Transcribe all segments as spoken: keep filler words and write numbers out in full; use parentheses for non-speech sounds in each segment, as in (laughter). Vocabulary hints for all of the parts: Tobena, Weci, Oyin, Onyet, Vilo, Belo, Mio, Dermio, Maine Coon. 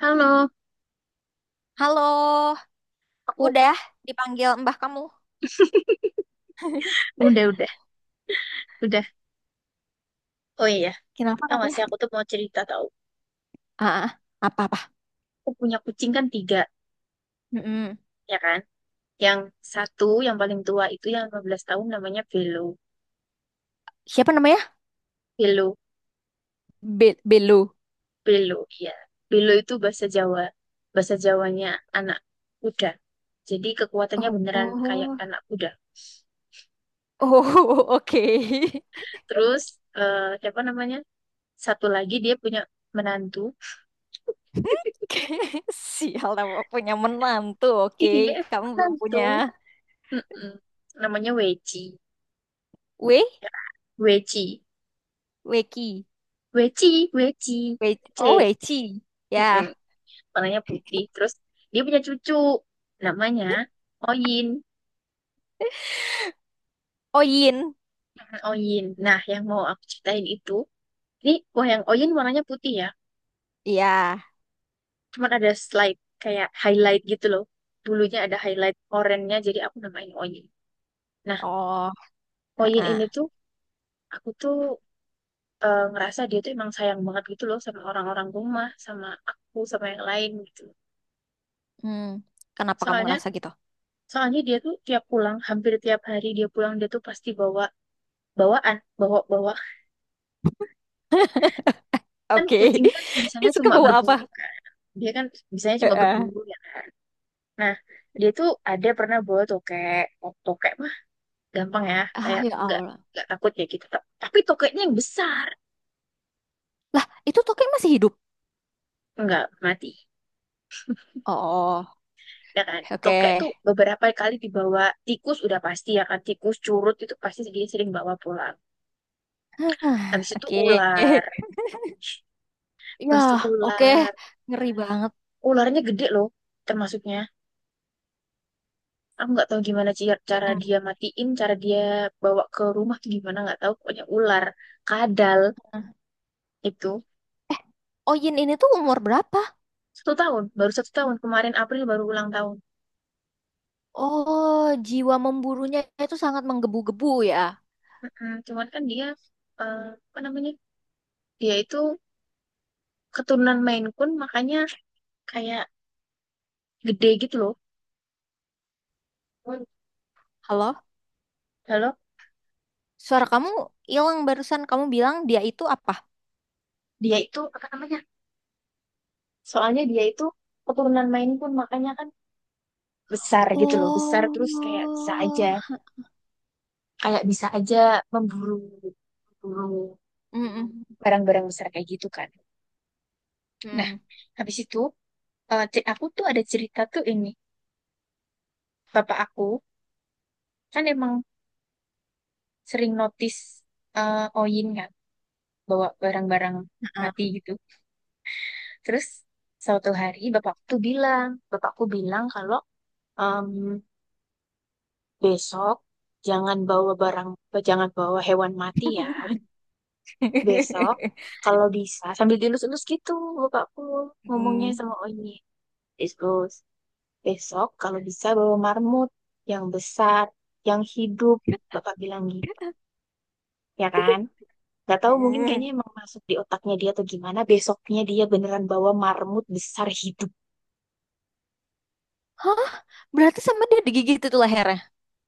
Halo, Halo, aku udah dipanggil mbah kamu. udah udah udah. Oh iya, Kenapa tau gak katanya? sih aku tuh mau cerita tau. Ah, ah, apa-apa? Aku punya kucing kan tiga, Mm-mm. ya kan? Yang satu yang paling tua itu yang lima belas tahun namanya Belo. Siapa namanya? Belo, Be- Belu. Belo, iya. Belo itu bahasa Jawa. Bahasa Jawanya anak kuda. Jadi kekuatannya Oh, beneran kayak oh, anak kuda. oh, (laughs) oke. Terus eh, siapa namanya? Satu lagi dia punya menantu. (laughs) Sial, aku punya menantu, oke. Iya, Kamu belum menantu. punya Mm-mm. Namanya Weci. We? Weci. Weki? Weci, Weci, We C, oh, Weci. Ya. mm warnanya putih. Terus dia punya cucu, namanya Oyin. Oh, Yin. Mm, Oyin. Nah, yang mau aku ceritain itu, ini wah, yang Oyin warnanya putih ya, Iya. cuman ada slide kayak highlight gitu loh. Bulunya ada highlight oranye jadi aku namain Oyin. Nah, Oh, ah, Oyin ini ah. tuh aku tuh eh, ngerasa dia tuh emang sayang banget gitu loh sama orang-orang rumah, sama aku, sama yang lain gitu. Hmm. Kenapa kamu Soalnya ngerasa gitu? Soalnya dia tuh tiap pulang, hampir tiap hari dia pulang, dia tuh pasti bawa bawaan bawa bawa (laughs) kan Oke. kucing kan (laughs) bisanya Itu cuma kebawa apa? berburu (laughs) kan dia kan bisanya cuma Heeh. berburu ya kan, nah dia tuh ada pernah bawa tokek. Oh, tokek mah gampang ya, Ah, kayak ya nggak Allah. nggak takut ya gitu. Ta- tapi tokeknya yang besar Lah, itu Toke masih hidup. nggak mati Oh, ya kan. oke. Tokek tuh beberapa kali dibawa, tikus udah pasti ya kan, tikus curut itu pasti dia sering bawa pulang. Hah, Habis itu oke. ular. Ya, Habis itu oke. ular. Ngeri banget. Ularnya gede loh, termasuknya aku nggak tahu gimana sih cara Hmm. dia matiin, cara dia bawa ke rumah tuh gimana nggak tahu, pokoknya ular, kadal, itu. Oh, Yin ini tuh umur berapa? Satu tahun, baru satu tahun, kemarin April baru ulang tahun. Oh, jiwa memburunya itu sangat menggebu-gebu ya. Mm-mm. Cuman kan dia eh, apa namanya, dia itu keturunan Maine Coon makanya kayak gede gitu loh. Halo? Halo. Suara kamu hilang barusan. Kamu bilang dia itu apa? Dia itu apa namanya, soalnya dia itu keturunan Maine Coon makanya kan besar gitu loh, besar, Oh. terus kayak bisa aja, kayak bisa aja memburu, memburu Mm-mm. barang-barang besar kayak gitu kan. Nah, Mm. habis itu eh, ce- aku tuh ada cerita tuh ini. Bapak aku kan emang sering notice eh, Oyin kan, bawa barang-barang mati gitu. Terus suatu hari bapakku tuh bilang, bapakku bilang kalau em, besok jangan bawa barang, jangan bawa hewan mati ya. Besok (laughs) kalau bisa sambil dilus-lus gitu bapakku ngomongnya Mm. sama Oyin. Dilus-lus. Besok kalau bisa bawa marmut yang besar, yang hidup, Bapak bilang gitu, ya kan? Gak tahu, mungkin kayaknya Mm. emang masuk di otaknya dia atau gimana. Besoknya dia beneran bawa marmut besar hidup. Hah? Berarti sama dia digigit itu lehernya.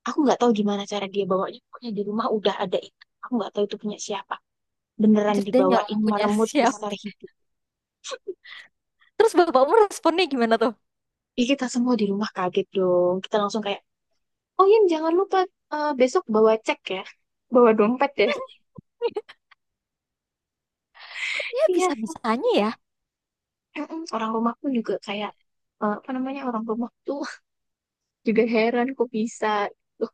Aku nggak tahu gimana cara dia bawanya. Pokoknya di rumah udah ada itu. Aku nggak tahu itu punya siapa. Beneran Anjir, dia nyolong dibawain punya marmut besar siapa? hidup. Terus bapakmu responnya gimana tuh? Ih, kita semua di rumah kaget dong. Kita langsung kayak, oh iya jangan lupa eh, besok bawa cek ya. Bawa dompet ya. (laughs) Kok dia Iya. bisa-bisanya ya? Mm-mm. Orang rumahku juga kayak eh, apa namanya, orang rumah tuh (laughs) juga heran kok bisa. Loh,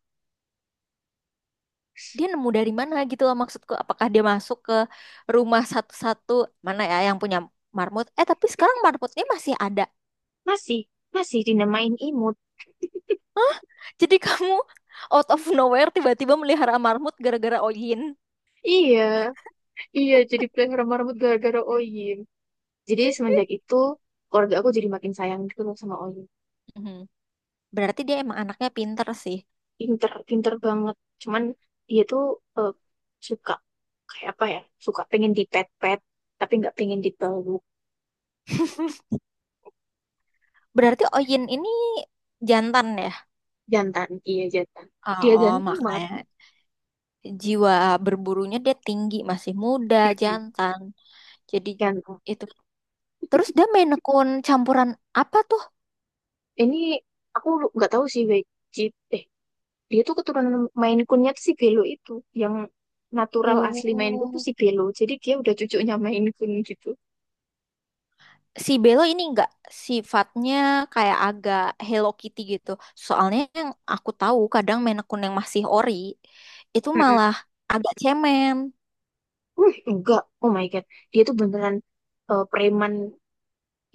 Dia nemu dari mana gitu loh maksudku. Apakah dia masuk ke rumah satu-satu mana ya yang punya marmut? Eh, tapi sekarang marmutnya masih ada. masih masih dinamain imut. Jadi kamu out of nowhere tiba-tiba melihara marmut gara-gara Oyin. Iya, iya, jadi pelihara sama rambut gara-gara Oyim. Jadi semenjak itu keluarga aku jadi makin sayang gitu loh sama Oyim. Mhm. Berarti dia emang anaknya pinter sih. Pinter, pinter banget. Cuman dia tuh eh, suka, kayak apa ya? Suka pengen dipet-pet, tapi nggak pengen dipeluk. (laughs) Berarti Oyin ini jantan ya? Jantan, iya jantan. Dia Oh, ganteng banget. makanya jiwa berburunya dia tinggi, masih muda, Mm-mm. jantan. Jadi Ganteng. itu, terus dia main akun campuran apa tuh? Ini aku lu- nggak tahu sih wajib eh dia tuh keturunan Maine Coon-nya tuh si Belo itu, yang natural asli Maine Coon tuh Oh, si Belo, jadi dia udah cucunya Maine Coon gitu. si Belo ini enggak sifatnya kayak agak Hello Kitty gitu. Soalnya yang aku tahu kadang main akun yang masih ori itu Mm-mm. malah agak cemen. uh enggak, oh my god, dia tuh beneran eh, preman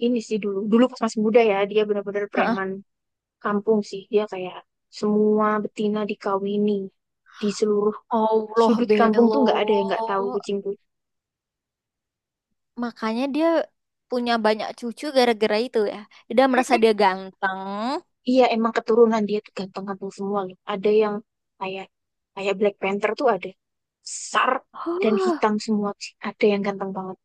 ini sih. Dulu dulu pas masih muda ya dia bener-bener Heeh. preman kampung sih. Dia kayak semua betina dikawini di seluruh Allah sudut kampung tuh, nggak ada Belo. yang nggak tahu kucing, Makanya dia punya banyak cucu gara-gara itu ya. Dia merasa kucing. dia ganteng. Iya, emang keturunan dia tuh ganteng-ganteng semua loh. Ada yang kayak, kayak Black Panther tuh, ada besar dan Huh, hitam semua sih. Ada yang ganteng banget.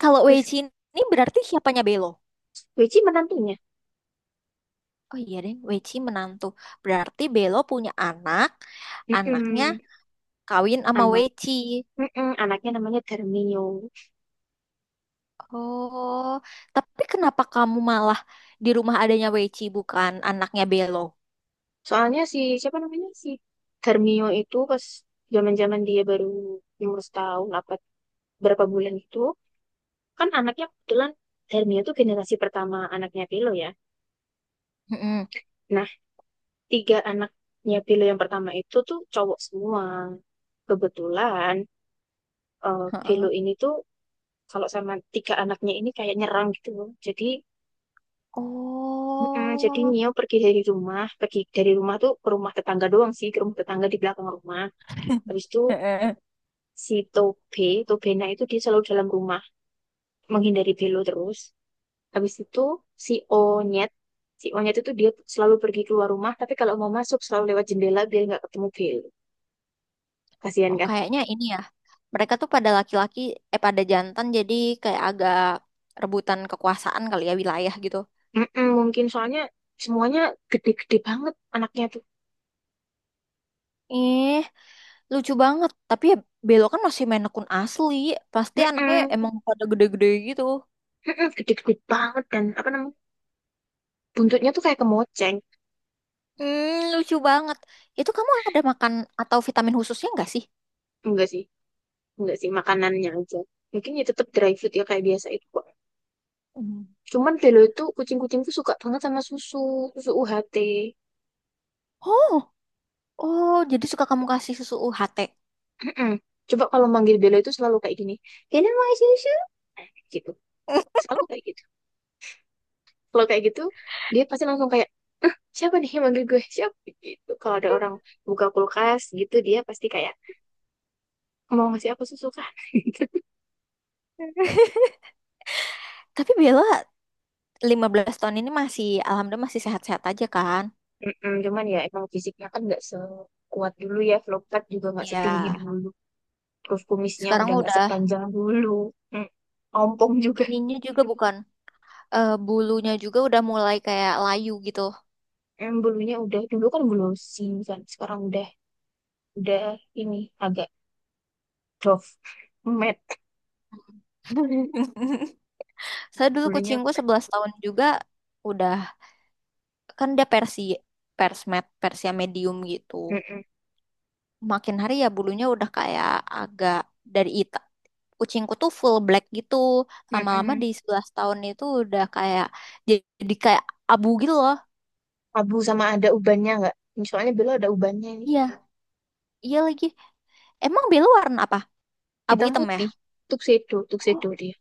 kalau Terus Weichi ini berarti siapanya Belo? Wei menantunya. Oh iya deh, Weichi menantu. Berarti Belo punya anak, anaknya Mm-mm. kawin sama Anak. Weci. Mm-mm. Anaknya namanya Dermio. Oh, tapi kenapa kamu malah di rumah adanya Weci bukan anaknya Belo? Soalnya si, siapa namanya, si Dermio itu pas zaman-zaman dia baru umur setahun apa berapa bulan itu, kan anaknya kebetulan Dermio tuh generasi pertama anaknya Pilo ya. Mm-mm. Nah, tiga anaknya Vilo yang pertama itu tuh cowok semua. Kebetulan eh Vilo Heeh. ini tuh kalau sama tiga anaknya ini kayak nyerang gitu loh. Jadi mm-mm, jadi Oh, Mio pergi dari rumah, pergi dari rumah tuh ke rumah tetangga doang sih, ke rumah tetangga di belakang rumah. Habis itu heeh, si Tobe, Tobena itu dia selalu dalam rumah menghindari Vilo terus. Habis itu si Onyet, si Onyet itu dia selalu pergi keluar rumah, tapi kalau mau masuk selalu lewat jendela biar nggak ketemu Vilo. Kasihan oh kan? kayaknya ini ya. Mereka tuh pada laki-laki, eh pada jantan jadi kayak agak rebutan kekuasaan kali ya wilayah gitu. Mm-mm, mungkin soalnya semuanya gede-gede banget anaknya tuh. Eh, lucu banget. Tapi ya Belo kan masih main akun asli. Pasti anaknya Mm-mm, emang pada gede-gede gitu. mm-mm, gede-gede banget, dan apa namanya buntutnya tuh kayak kemoceng. Hmm, lucu banget. Itu kamu ada makan atau vitamin khususnya nggak sih? Enggak sih, enggak sih makanannya aja. Mungkin ya tetap dry food ya kayak biasa itu kok. Hmm. Cuman Belo itu kucing-kucing tuh suka banget sama susu, susu U H T. Oh, oh, jadi suka kamu kasih susu U H T. Mm-mm. Coba kalau manggil Belo itu selalu kayak gini. Belo mau susu? Nah, gitu. Selalu kayak gitu. Kalau kayak gitu, dia pasti langsung kayak, "Eh, siapa nih yang manggil gue? Siapa?" Gitu. Kalau ada orang buka kulkas gitu, dia pasti kayak mau ngasih apa susu kan. (laughs) Gitu. (laughs) Tapi Bella lima belas tahun ini masih, alhamdulillah masih sehat-sehat aja kan? Mm-mm, cuman ya emang fisiknya kan nggak sekuat dulu ya, Vlogtat juga nggak setinggi Ya, dulu, terus kumisnya sekarang udah nggak udah sepanjang dulu. Mm, ompong juga. ininya juga bukan, eh, bulunya juga udah mulai kayak layu gitu. Mm, bulunya udah, dulu kan glossy kan, sekarang udah udah ini agak doff, matte, (laughs) Saya dulu bulunya. kucingku sebelas tahun juga udah, kan dia Persi, Persmed, Persia medium gitu. Mm-mm, Makin hari ya bulunya udah kayak agak dari ita. Kucingku tuh full black gitu. Lama-lama mm-mm. di sebelas tahun itu udah kayak jadi jadi kayak abu gitu loh. Abu, sama ada ubannya nggak, soalnya Bella ada ubannya nih, Iya, iya lagi. Emang belu warna apa? Abu hitam hitam ya? putih. Tuxedo, tuxedo dia,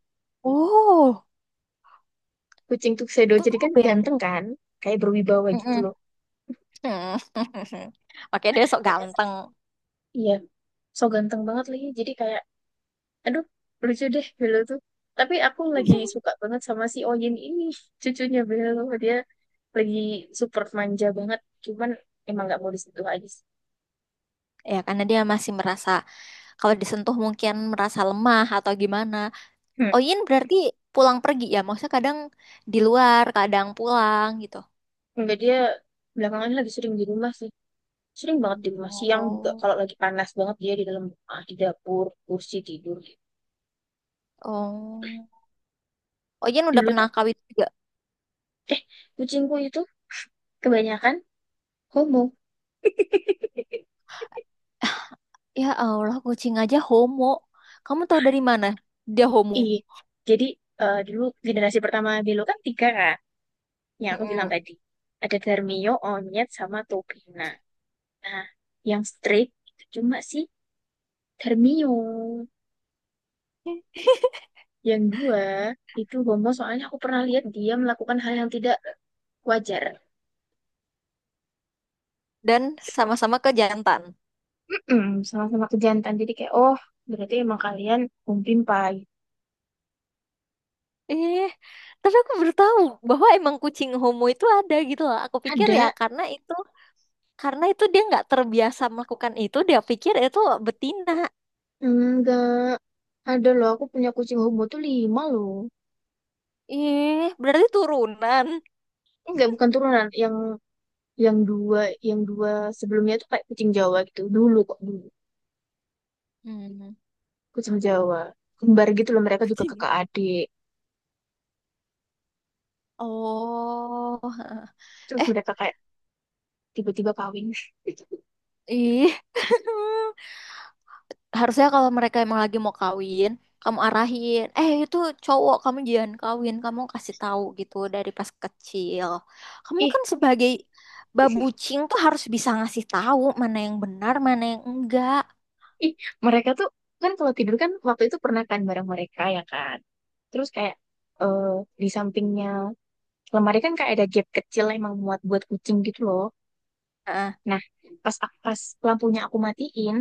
Oh, kucing tuxedo, tuh jadi kan Ben. ganteng kan, kayak berwibawa gitu Mm-mm. loh. (laughs) Oke, dia sok ganteng. Iya, so ganteng banget lagi, jadi kayak aduh lucu deh Belo tuh, tapi aku lagi suka banget sama si Oyin ini (laughs) cucunya Belo. Dia lagi super manja banget, cuman emang nggak mau disentuh aja sih. Ya, karena dia masih merasa kalau disentuh mungkin merasa lemah atau gimana. Hmm. Oyin berarti pulang pergi ya. Maksudnya kadang di luar, kadang pulang gitu. Enggak, dia belakangan ini lagi sering di rumah sih, sering banget di rumah. Oh, Siang juga oh, kalau lagi panas banget dia di dalam rumah, di dapur kursi tidur. oh, Ojen udah Dulu pernah tuh kawin juga. eh kucingku itu kebanyakan homo. Ya Allah, kucing aja homo. Kamu tahu dari mana dia homo? Iya. Jadi eh, dulu generasi pertama Belo kan tiga kan, yang aku bilang Mm-mm. tadi. Ada Darmio, Onyet, sama Tobina. Nah, yang strict itu cuma si Darmio. Yang dua, itu Bomo soalnya aku pernah lihat dia melakukan hal yang tidak wajar. Dan sama-sama ke jantan. Mm-mm, sama-sama kejantan. Jadi kayak, oh, berarti emang kalian umpimpai. Eh, tapi aku baru tahu bahwa emang kucing homo itu ada gitu loh. Aku pikir ya Ada? karena itu, karena itu dia nggak terbiasa melakukan itu, dia pikir itu betina. Enggak. Ada loh, aku punya kucing homo tuh lima loh. Eh, berarti turunan. Enggak, bukan turunan. Yang yang dua, yang dua sebelumnya tuh kayak kucing Jawa gitu. Dulu kok, dulu. Hmm, Ikut sama Jawa, kembar gitu loh, mereka juga kucing. kakak adik. Oh, Terus eh, mereka kayak tiba-tiba kawin. (laughs) ih. (laughs) Harusnya kalau mereka emang lagi mau kawin, kamu arahin, eh itu cowok kamu jangan kawin, kamu kasih tahu gitu dari pas kecil. Kamu Ih. kan sebagai (laughs) babucing tuh harus bisa ngasih tahu mana yang benar, mana yang enggak. Ih, mereka tuh, kan kalau tidur kan waktu itu pernah kan bareng mereka ya kan, terus kayak eh di sampingnya lemari kan kayak ada gap kecil emang muat buat kucing gitu loh. Nah, Nah, pas pas lampunya aku matiin,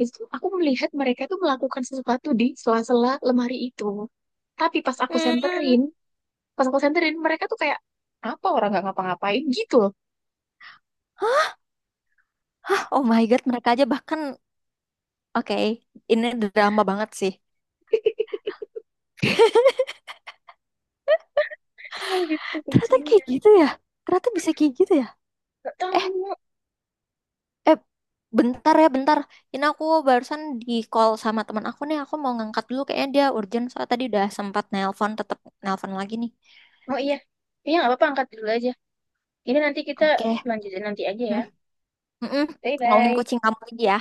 itu tuh aku melihat mereka tuh melakukan sesuatu di sela-sela lemari itu, tapi pas aku hmm, senterin, pas aku senterin mereka tuh kayak apa, orang nggak ngapa-ngapain gitu loh. hah, oh my God, mereka aja bahkan, oke, ini drama banget sih. Emang gitu Ternyata kayak kucingnya. gitu ya, ternyata bisa kayak gitu ya. Gak Eh, tahu. Eh, bentar ya, bentar. Ini aku barusan di call sama teman aku nih. Aku mau ngangkat dulu. Kayaknya dia urgent. Soalnya tadi udah sempat nelpon, tetap nelpon lagi nih. Oh iya. Iya nggak apa-apa, angkat dulu aja. Ini nanti kita Oke. lanjutin nanti aja ya. Hmm, mm-mm. Ngomongin Bye-bye. kucing kamu lagi ya.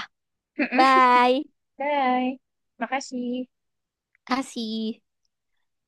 Bye. (laughs) Bye. Makasih. Kasih.